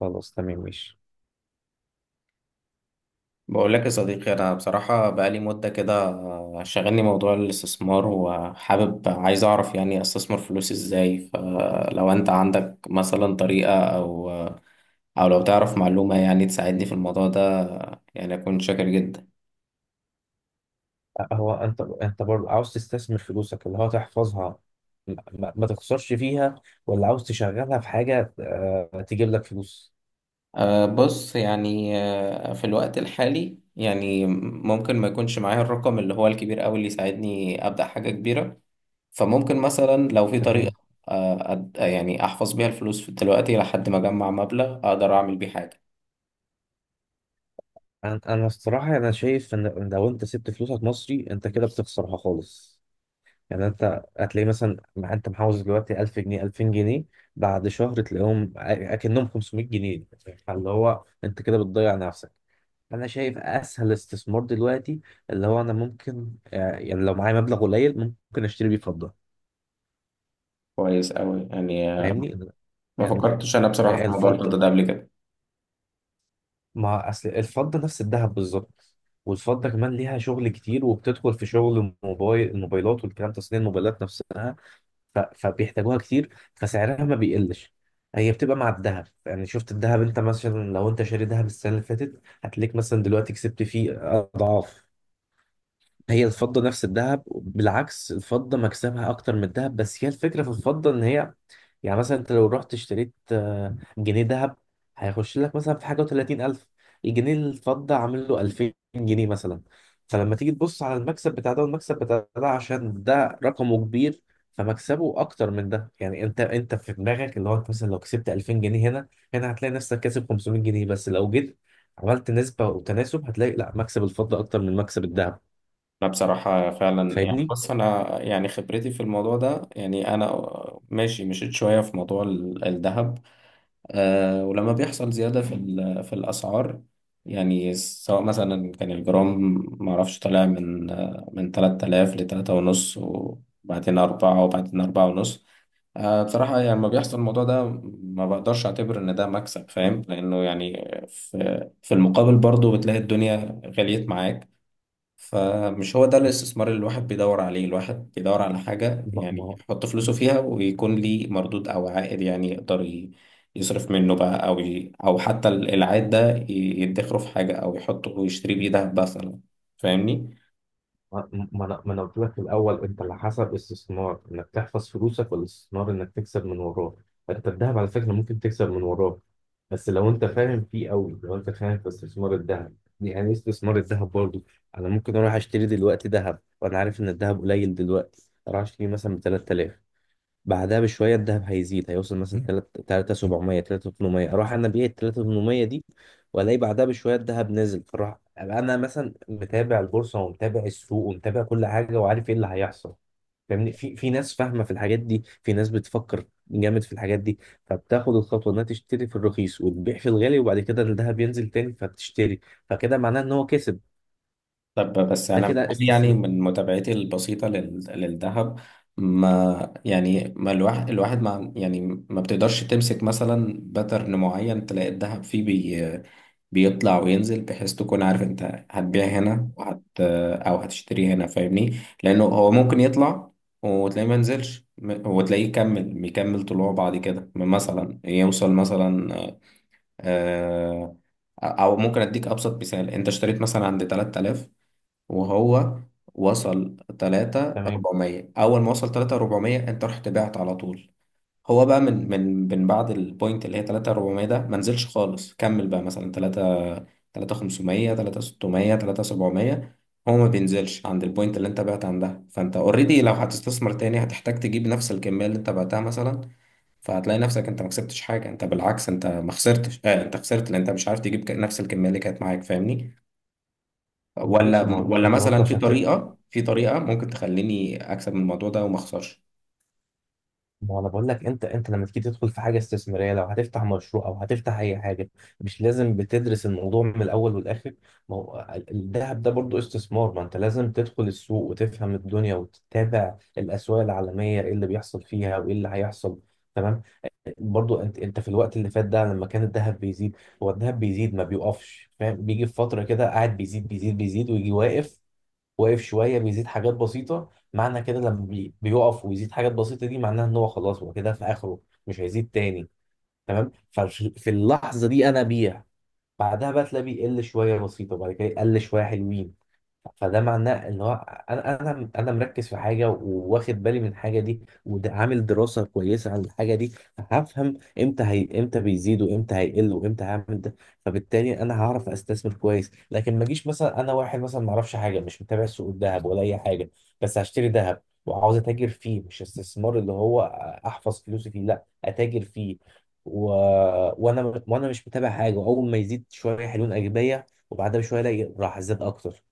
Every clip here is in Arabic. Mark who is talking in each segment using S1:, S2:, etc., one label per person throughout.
S1: خلاص، تمام، ماشي.
S2: بقول لك يا صديقي، انا بصراحه بقالي مده كده. شغلني موضوع الاستثمار، وحابب عايز اعرف يعني استثمر فلوسي ازاي. فلو انت عندك مثلا طريقه او لو تعرف معلومه، يعني تساعدني في الموضوع ده، يعني اكون شاكر جدا.
S1: هو انت برضه عاوز تستثمر فلوسك اللي هو تحفظها، ما تخسرش فيها، ولا عاوز تشغلها في حاجة تجيب لك فلوس؟
S2: بص، يعني، في الوقت الحالي يعني ممكن ما يكونش معايا الرقم اللي هو الكبير قوي اللي يساعدني ابدا حاجه كبيره. فممكن مثلا لو في طريقة
S1: تمام.
S2: يعني أحفظ بيها الفلوس في دلوقتي لحد ما أجمع مبلغ أقدر أعمل بيه حاجة.
S1: انا الصراحة انا شايف ان لو انت سبت فلوسك مصري، انت كده بتخسرها خالص. يعني انت هتلاقي مثلا، ما انت محوز دلوقتي 1000 جنيه 2000 جنيه، بعد شهر تلاقيهم اكنهم 500 جنيه. فاللي هو انت كده بتضيع نفسك. انا شايف اسهل استثمار دلوقتي، اللي هو انا ممكن يعني لو معايا مبلغ قليل، ممكن اشتري بيه فضة.
S2: كويس أوي، يعني.
S1: فاهمني؟
S2: ما
S1: يعني
S2: فكرتش أنا بصراحة في موضوع الفضة
S1: الفضة،
S2: ده قبل كده.
S1: ما اصل الفضة نفس الذهب بالظبط. والفضة كمان ليها شغل كتير، وبتدخل في شغل الموبايلات والكلام، تصنيع الموبايلات نفسها. فبيحتاجوها كتير، فسعرها ما بيقلش. هي بتبقى مع الذهب. يعني شفت الذهب انت، مثلا لو انت شاري ذهب السنة اللي فاتت، هتلاقيك مثلا دلوقتي كسبت فيه اضعاف. هي الفضة نفس الذهب، بالعكس الفضة مكسبها أكتر من الذهب. بس هي الفكرة في الفضة إن هي، يعني مثلا أنت لو رحت اشتريت جنيه ذهب، هيخش لك مثلا في حاجة وتلاتين ألف. الجنيه الفضة عامل له ألفين جنيه مثلا. فلما تيجي تبص على المكسب بتاع ده والمكسب بتاع ده، عشان ده رقمه كبير، فمكسبه أكتر من ده. يعني أنت في دماغك اللي هو أنت مثلا لو كسبت 2000 جنيه هنا هتلاقي نفسك كاسب 500 جنيه بس. لو جيت عملت نسبة وتناسب، هتلاقي لا، مكسب الفضة أكتر من مكسب الذهب.
S2: أنا بصراحة فعلا، يعني
S1: فاهمني؟
S2: بص، أنا يعني خبرتي في الموضوع ده يعني أنا ماشي، مشيت شوية في موضوع الذهب. أه، ولما بيحصل زيادة في في الأسعار، يعني سواء مثلا كان الجرام معرفش طالع من 3000 لتلاتة ونص وبعدين أربعة وبعدين أربعة ونص. بصراحة يعني لما بيحصل الموضوع ده ما بقدرش أعتبر إن ده مكسب، فاهم؟ لأنه يعني في المقابل برضه بتلاقي الدنيا غليت معاك. فمش هو ده الاستثمار اللي الواحد بيدور عليه. الواحد بيدور على حاجة
S1: ما
S2: يعني
S1: ما
S2: يحط فلوسه فيها ويكون ليه مردود أو عائد، يعني يصرف منه بقى، أو حتى العائد ده يدخره في حاجة أو يحطه ويشتري بيه دهب مثلا. فاهمني؟
S1: ما أنا قلت لك في الاول، انت اللي حسب استثمار انك تحفظ فلوسك، ولا استثمار انك تكسب من وراه؟ انت الذهب على فكره ممكن تكسب من وراه، بس لو انت فاهم فيه قوي، لو انت فاهم في استثمار الذهب. يعني إيه استثمار الذهب برضو؟ انا ممكن اروح اشتري دلوقتي ذهب، وانا عارف ان الذهب قليل دلوقتي، اروح اشتري مثلا ب 3000، بعدها بشوية الذهب هيزيد، هيوصل مثلا 3700 3800، أروح أنا أبيع ال 3800 دي، وألاقي بعدها بشوية الذهب نزل، فأروح أبقى أنا مثلا متابع البورصة ومتابع السوق ومتابع كل حاجة، وعارف إيه اللي هيحصل. فاهمني؟ في ناس فاهمة في الحاجات دي، في ناس بتفكر جامد في الحاجات دي، فبتاخد الخطوة إنها تشتري في الرخيص وتبيع في الغالي، وبعد كده الذهب ينزل تاني فبتشتري. فكده معناه إن هو كسب.
S2: طب بس
S1: ده
S2: انا
S1: كده
S2: بقول يعني
S1: استثمار.
S2: من متابعتي البسيطه للذهب. ما يعني ما الواحد الواحد ما يعني ما بتقدرش تمسك مثلا باترن معين، تلاقي الذهب فيه بيطلع وينزل، بحيث تكون عارف انت هتبيع هنا او هتشتري هنا، فاهمني؟ لانه هو ممكن يطلع وتلاقيه ما ينزلش وتلاقيه يكمل طلوع بعد كده، مثلا يوصل مثلا. آه، او ممكن اديك ابسط مثال: انت اشتريت مثلا عند 3000، وهو وصل تلاتة
S1: تمام؟
S2: أربعمية. أول ما وصل تلاتة أربعمية أنت رحت بعت على طول. هو بقى من بعد البوينت اللي هي تلاتة أربعمية ده ما نزلش خالص، كمل بقى مثلا تلاتة، تلاتة خمسمية، تلاتة ستمية، تلاتة سبعمية. هو ما بينزلش عند البوينت اللي أنت بعت عندها. فأنت أوريدي لو هتستثمر تاني هتحتاج تجيب نفس الكمية اللي أنت بعتها مثلا، فهتلاقي نفسك أنت ما كسبتش حاجة. أنت بالعكس، أنت ما خسرتش، آه أنت خسرت، لأن أنت مش عارف تجيب نفس الكمية اللي كانت معاك، فاهمني؟ ولا
S1: ماشي. ما هو انت
S2: ولا
S1: انت برضه
S2: مثلا في
S1: عشان
S2: طريقة، ممكن تخليني أكسب من الموضوع ده وما أخسرش.
S1: ما انا بقول لك، انت لما تيجي تدخل في حاجه استثماريه، لو هتفتح مشروع او هتفتح اي حاجه، مش لازم بتدرس الموضوع من الاول والاخر؟ ما هو الذهب ده برضو استثمار. ما انت لازم تدخل السوق وتفهم الدنيا، وتتابع الاسواق العالميه ايه اللي بيحصل فيها وايه اللي هيحصل. تمام. برضو انت في الوقت اللي فات ده لما كان الذهب بيزيد، هو الذهب بيزيد ما بيوقفش، فاهم؟ بيجي في فتره كده قاعد بيزيد بيزيد بيزيد، ويجي واقف، واقف شويه، بيزيد حاجات بسيطه. معنى كده لما بيقف ويزيد حاجات بسيطه دي، معناها ان هو خلاص، هو كده في اخره. مش هيزيد تاني. تمام. ففي اللحظه دي انا بيع. بعدها بقى تلاقيه بيقل شويه بسيطه، وبعد كده يقل شويه حلوين. فده معناه ان هو، انا مركز في حاجه، وواخد بالي من الحاجه دي، وعامل دراسه كويسه عن الحاجه دي. هفهم امتى بيزيد وامتى هيقل وامتى هعمل ده. فبالتالي انا هعرف استثمر كويس. لكن ما اجيش مثلا انا واحد مثلا ما اعرفش حاجه، مش متابع سوق الذهب ولا اي حاجه، بس هشتري ذهب وعاوز اتاجر فيه. مش استثمار اللي هو احفظ فلوسي فيه، لا اتاجر فيه. و... وانا مش متابع حاجه، واول ما يزيد شويه حلوين اجي بيع. وبعدها بشويه الاقي راح زاد اكتر.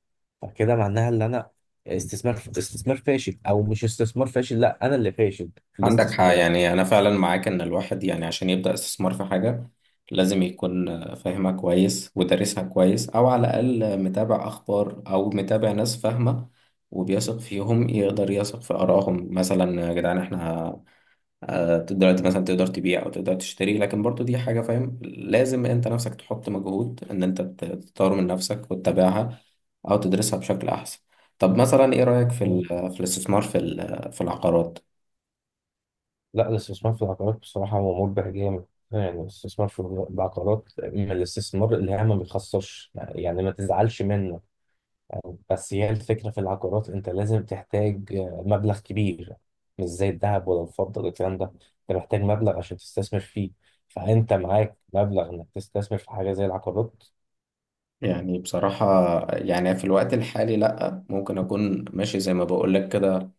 S1: فكده معناها ان انا استثمار فاشل. او مش استثمار فاشل، لا، انا اللي فاشل في
S2: عندك حق
S1: الاستثمار.
S2: يعني، أنا فعلا معاك إن الواحد يعني عشان يبدأ استثمار في حاجة لازم يكون فاهمها كويس ودارسها كويس، أو على الأقل متابع أخبار أو متابع ناس فاهمة وبيثق فيهم يقدر يثق في آرائهم. مثلا يا جدعان، إحنا دلوقتي مثلا تقدر تبيع او تقدر تشتري، لكن برضو دي حاجة فاهم، لازم انت نفسك تحط مجهود ان انت تطور من نفسك وتتابعها او تدرسها بشكل احسن. طب مثلا ايه رأيك في
S1: مم.
S2: في الاستثمار في في العقارات؟
S1: لا، الاستثمار في العقارات بصراحة هو مربح جامد. يعني الاستثمار في العقارات من الاستثمار اللي هي ما بيخسرش، يعني ما تزعلش منه. بس هي الفكرة في العقارات، انت لازم تحتاج مبلغ كبير، مش زي الذهب ولا الفضة ولا الكلام ده. انت محتاج مبلغ عشان تستثمر فيه. فانت معاك مبلغ انك تستثمر في حاجة زي العقارات؟
S2: يعني بصراحة يعني في الوقت الحالي لأ، ممكن أكون ماشي زي ما بقولك كده،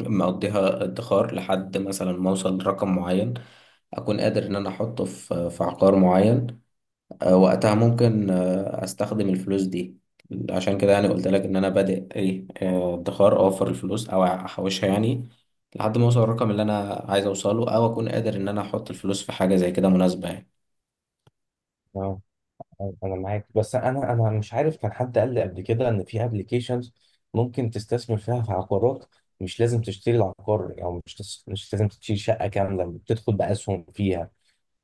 S2: مقضيها ادخار لحد مثلا ما أوصل لرقم معين، أكون قادر إن أنا أحطه في في عقار معين. وقتها ممكن استخدم الفلوس دي. عشان كده يعني قلت لك ان انا بادئ ايه، ادخار، اوفر الفلوس او احوشها يعني، لحد ما اوصل الرقم اللي انا عايز اوصله او اكون قادر ان انا احط الفلوس في حاجه زي كده مناسبه يعني.
S1: انا معاك، بس انا مش عارف، كان حد قال لي قبل كده ان في ابلكيشنز ممكن تستثمر فيها في عقارات. مش لازم تشتري العقار، او مش لازم تشتري شقه كامله، بتدخل باسهم فيها.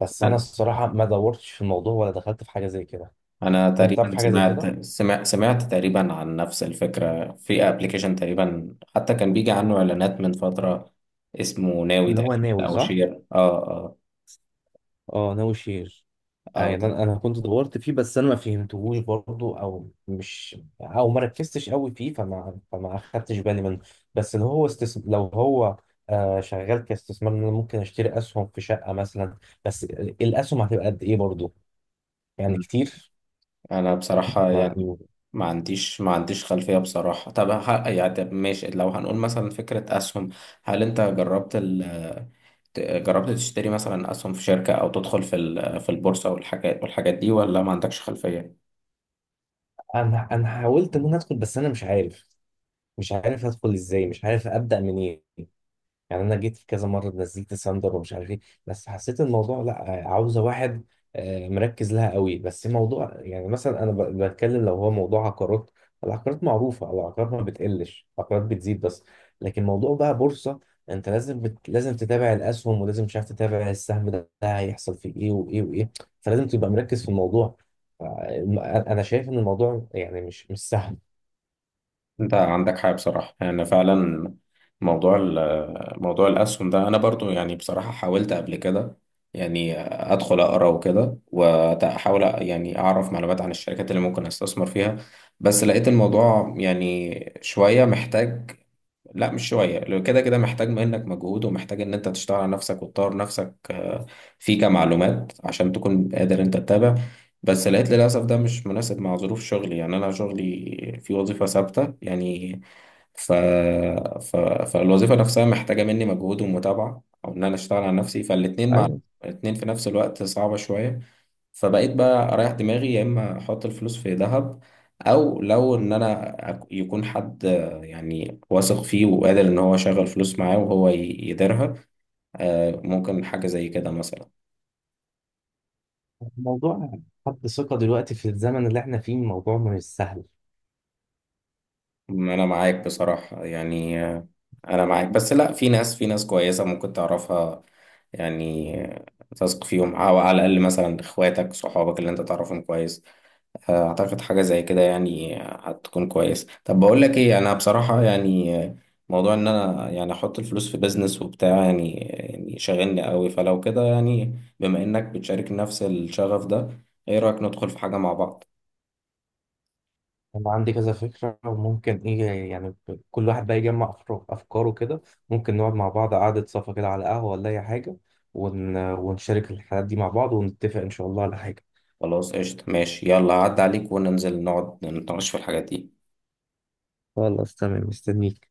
S1: بس انا
S2: انا
S1: الصراحه ما دورتش في الموضوع، ولا دخلت في حاجه زي كده.
S2: أنا
S1: انت تعرف
S2: تقريبا
S1: حاجه زي كده؟
S2: سمعت تقريبا عن نفس الفكره في ابلكيشن تقريبا، حتى كان بيجي عنه اعلانات من فتره. اسمه ناوي
S1: اللي هو
S2: تقريبا،
S1: ناوي،
S2: او
S1: صح؟
S2: شير. اه.
S1: اه، ناوي شير.
S2: اه او
S1: يعني
S2: ده.
S1: انا كنت دورت فيه، بس انا ما فهمتهوش برضه، او ما ركزتش قوي فيه، فما اخدتش بالي منه. بس لو هو شغال كاستثمار ان انا ممكن اشتري اسهم في شقه مثلا. بس الاسهم هتبقى قد ايه برضه؟ يعني كتير.
S2: انا بصراحة
S1: ما...
S2: يعني ما عنديش خلفية بصراحة. طب يعني، طب ماشي، لو هنقول مثلا فكرة اسهم، هل انت جربت جربت تشتري مثلا اسهم في شركة او تدخل في في البورصة والحاجات دي، ولا ما عندكش خلفية؟
S1: انا حاولت ان انا ادخل، بس انا مش عارف. مش عارف ادخل ازاي، مش عارف ابدا منين. يعني انا جيت في كذا مره، نزلت ساندر ومش عارف ايه. بس حسيت الموضوع لا، عاوزه واحد مركز لها قوي. بس موضوع يعني مثلا انا بتكلم لو هو موضوع عقارات، العقارات معروفه، العقارات ما بتقلش، العقارات بتزيد بس. لكن موضوع بقى بورصه، انت لازم لازم تتابع الاسهم، ولازم مش عارف تتابع السهم ده هيحصل فيه ايه وايه وايه. فلازم تبقى مركز في الموضوع. ف- انا شايف ان الموضوع يعني مش سهل.
S2: انت عندك حق بصراحة يعني، فعلا. موضوع موضوع الأسهم ده أنا برضو يعني بصراحة حاولت قبل كده، يعني أدخل أقرأ وكده وأحاول يعني أعرف معلومات عن الشركات اللي ممكن أستثمر فيها. بس لقيت الموضوع يعني شوية محتاج، لا مش شوية، لو كده كده محتاج منك مجهود ومحتاج ان انت تشتغل على نفسك وتطور نفسك، في كمعلومات عشان تكون قادر انت تتابع. بس لقيت للأسف ده مش مناسب مع ظروف شغلي، يعني انا شغلي في وظيفة ثابتة يعني. ف... فالوظيفة نفسها محتاجة مني مجهود ومتابعة او ان انا اشتغل على نفسي، فالاتنين مع
S1: ايوه.
S2: الاتنين في نفس الوقت صعبة شوية. فبقيت بقى اريح دماغي، يا اما احط الفلوس في ذهب، او لو ان انا يكون حد يعني واثق فيه وقادر ان هو يشغل فلوس معاه، وهو يديرها. ممكن حاجة زي كده مثلا.
S1: موضوع حد ثقة دلوقتي في الزمن اللي احنا فيه الموضوع مش سهل.
S2: انا معاك بصراحة يعني، انا معاك، بس لا، في ناس، كويسة ممكن تعرفها يعني. تثق فيهم او على الاقل مثلا اخواتك، صحابك اللي انت تعرفهم كويس. اعتقد حاجة زي كده يعني هتكون كويس. طب بقول لك ايه، انا بصراحة يعني موضوع ان انا يعني احط الفلوس في بيزنس وبتاع يعني، يعني شاغلني قوي. فلو كده يعني، بما انك بتشارك نفس الشغف ده، ايه رأيك ندخل في حاجة مع بعض؟
S1: أنا عندي كذا فكرة. وممكن إيه، يعني كل واحد بقى يجمع أفكاره كده. ممكن نقعد مع بعض قعدة صفا كده، على قهوة ولا أي حاجة، ونشارك الحاجات دي مع بعض، ونتفق إن شاء الله على حاجة.
S2: خلاص قشطة، ماشي، يلا عد عليك، وننزل نقعد نتناقش في الحاجات دي.
S1: خلاص، تمام، مستنيك.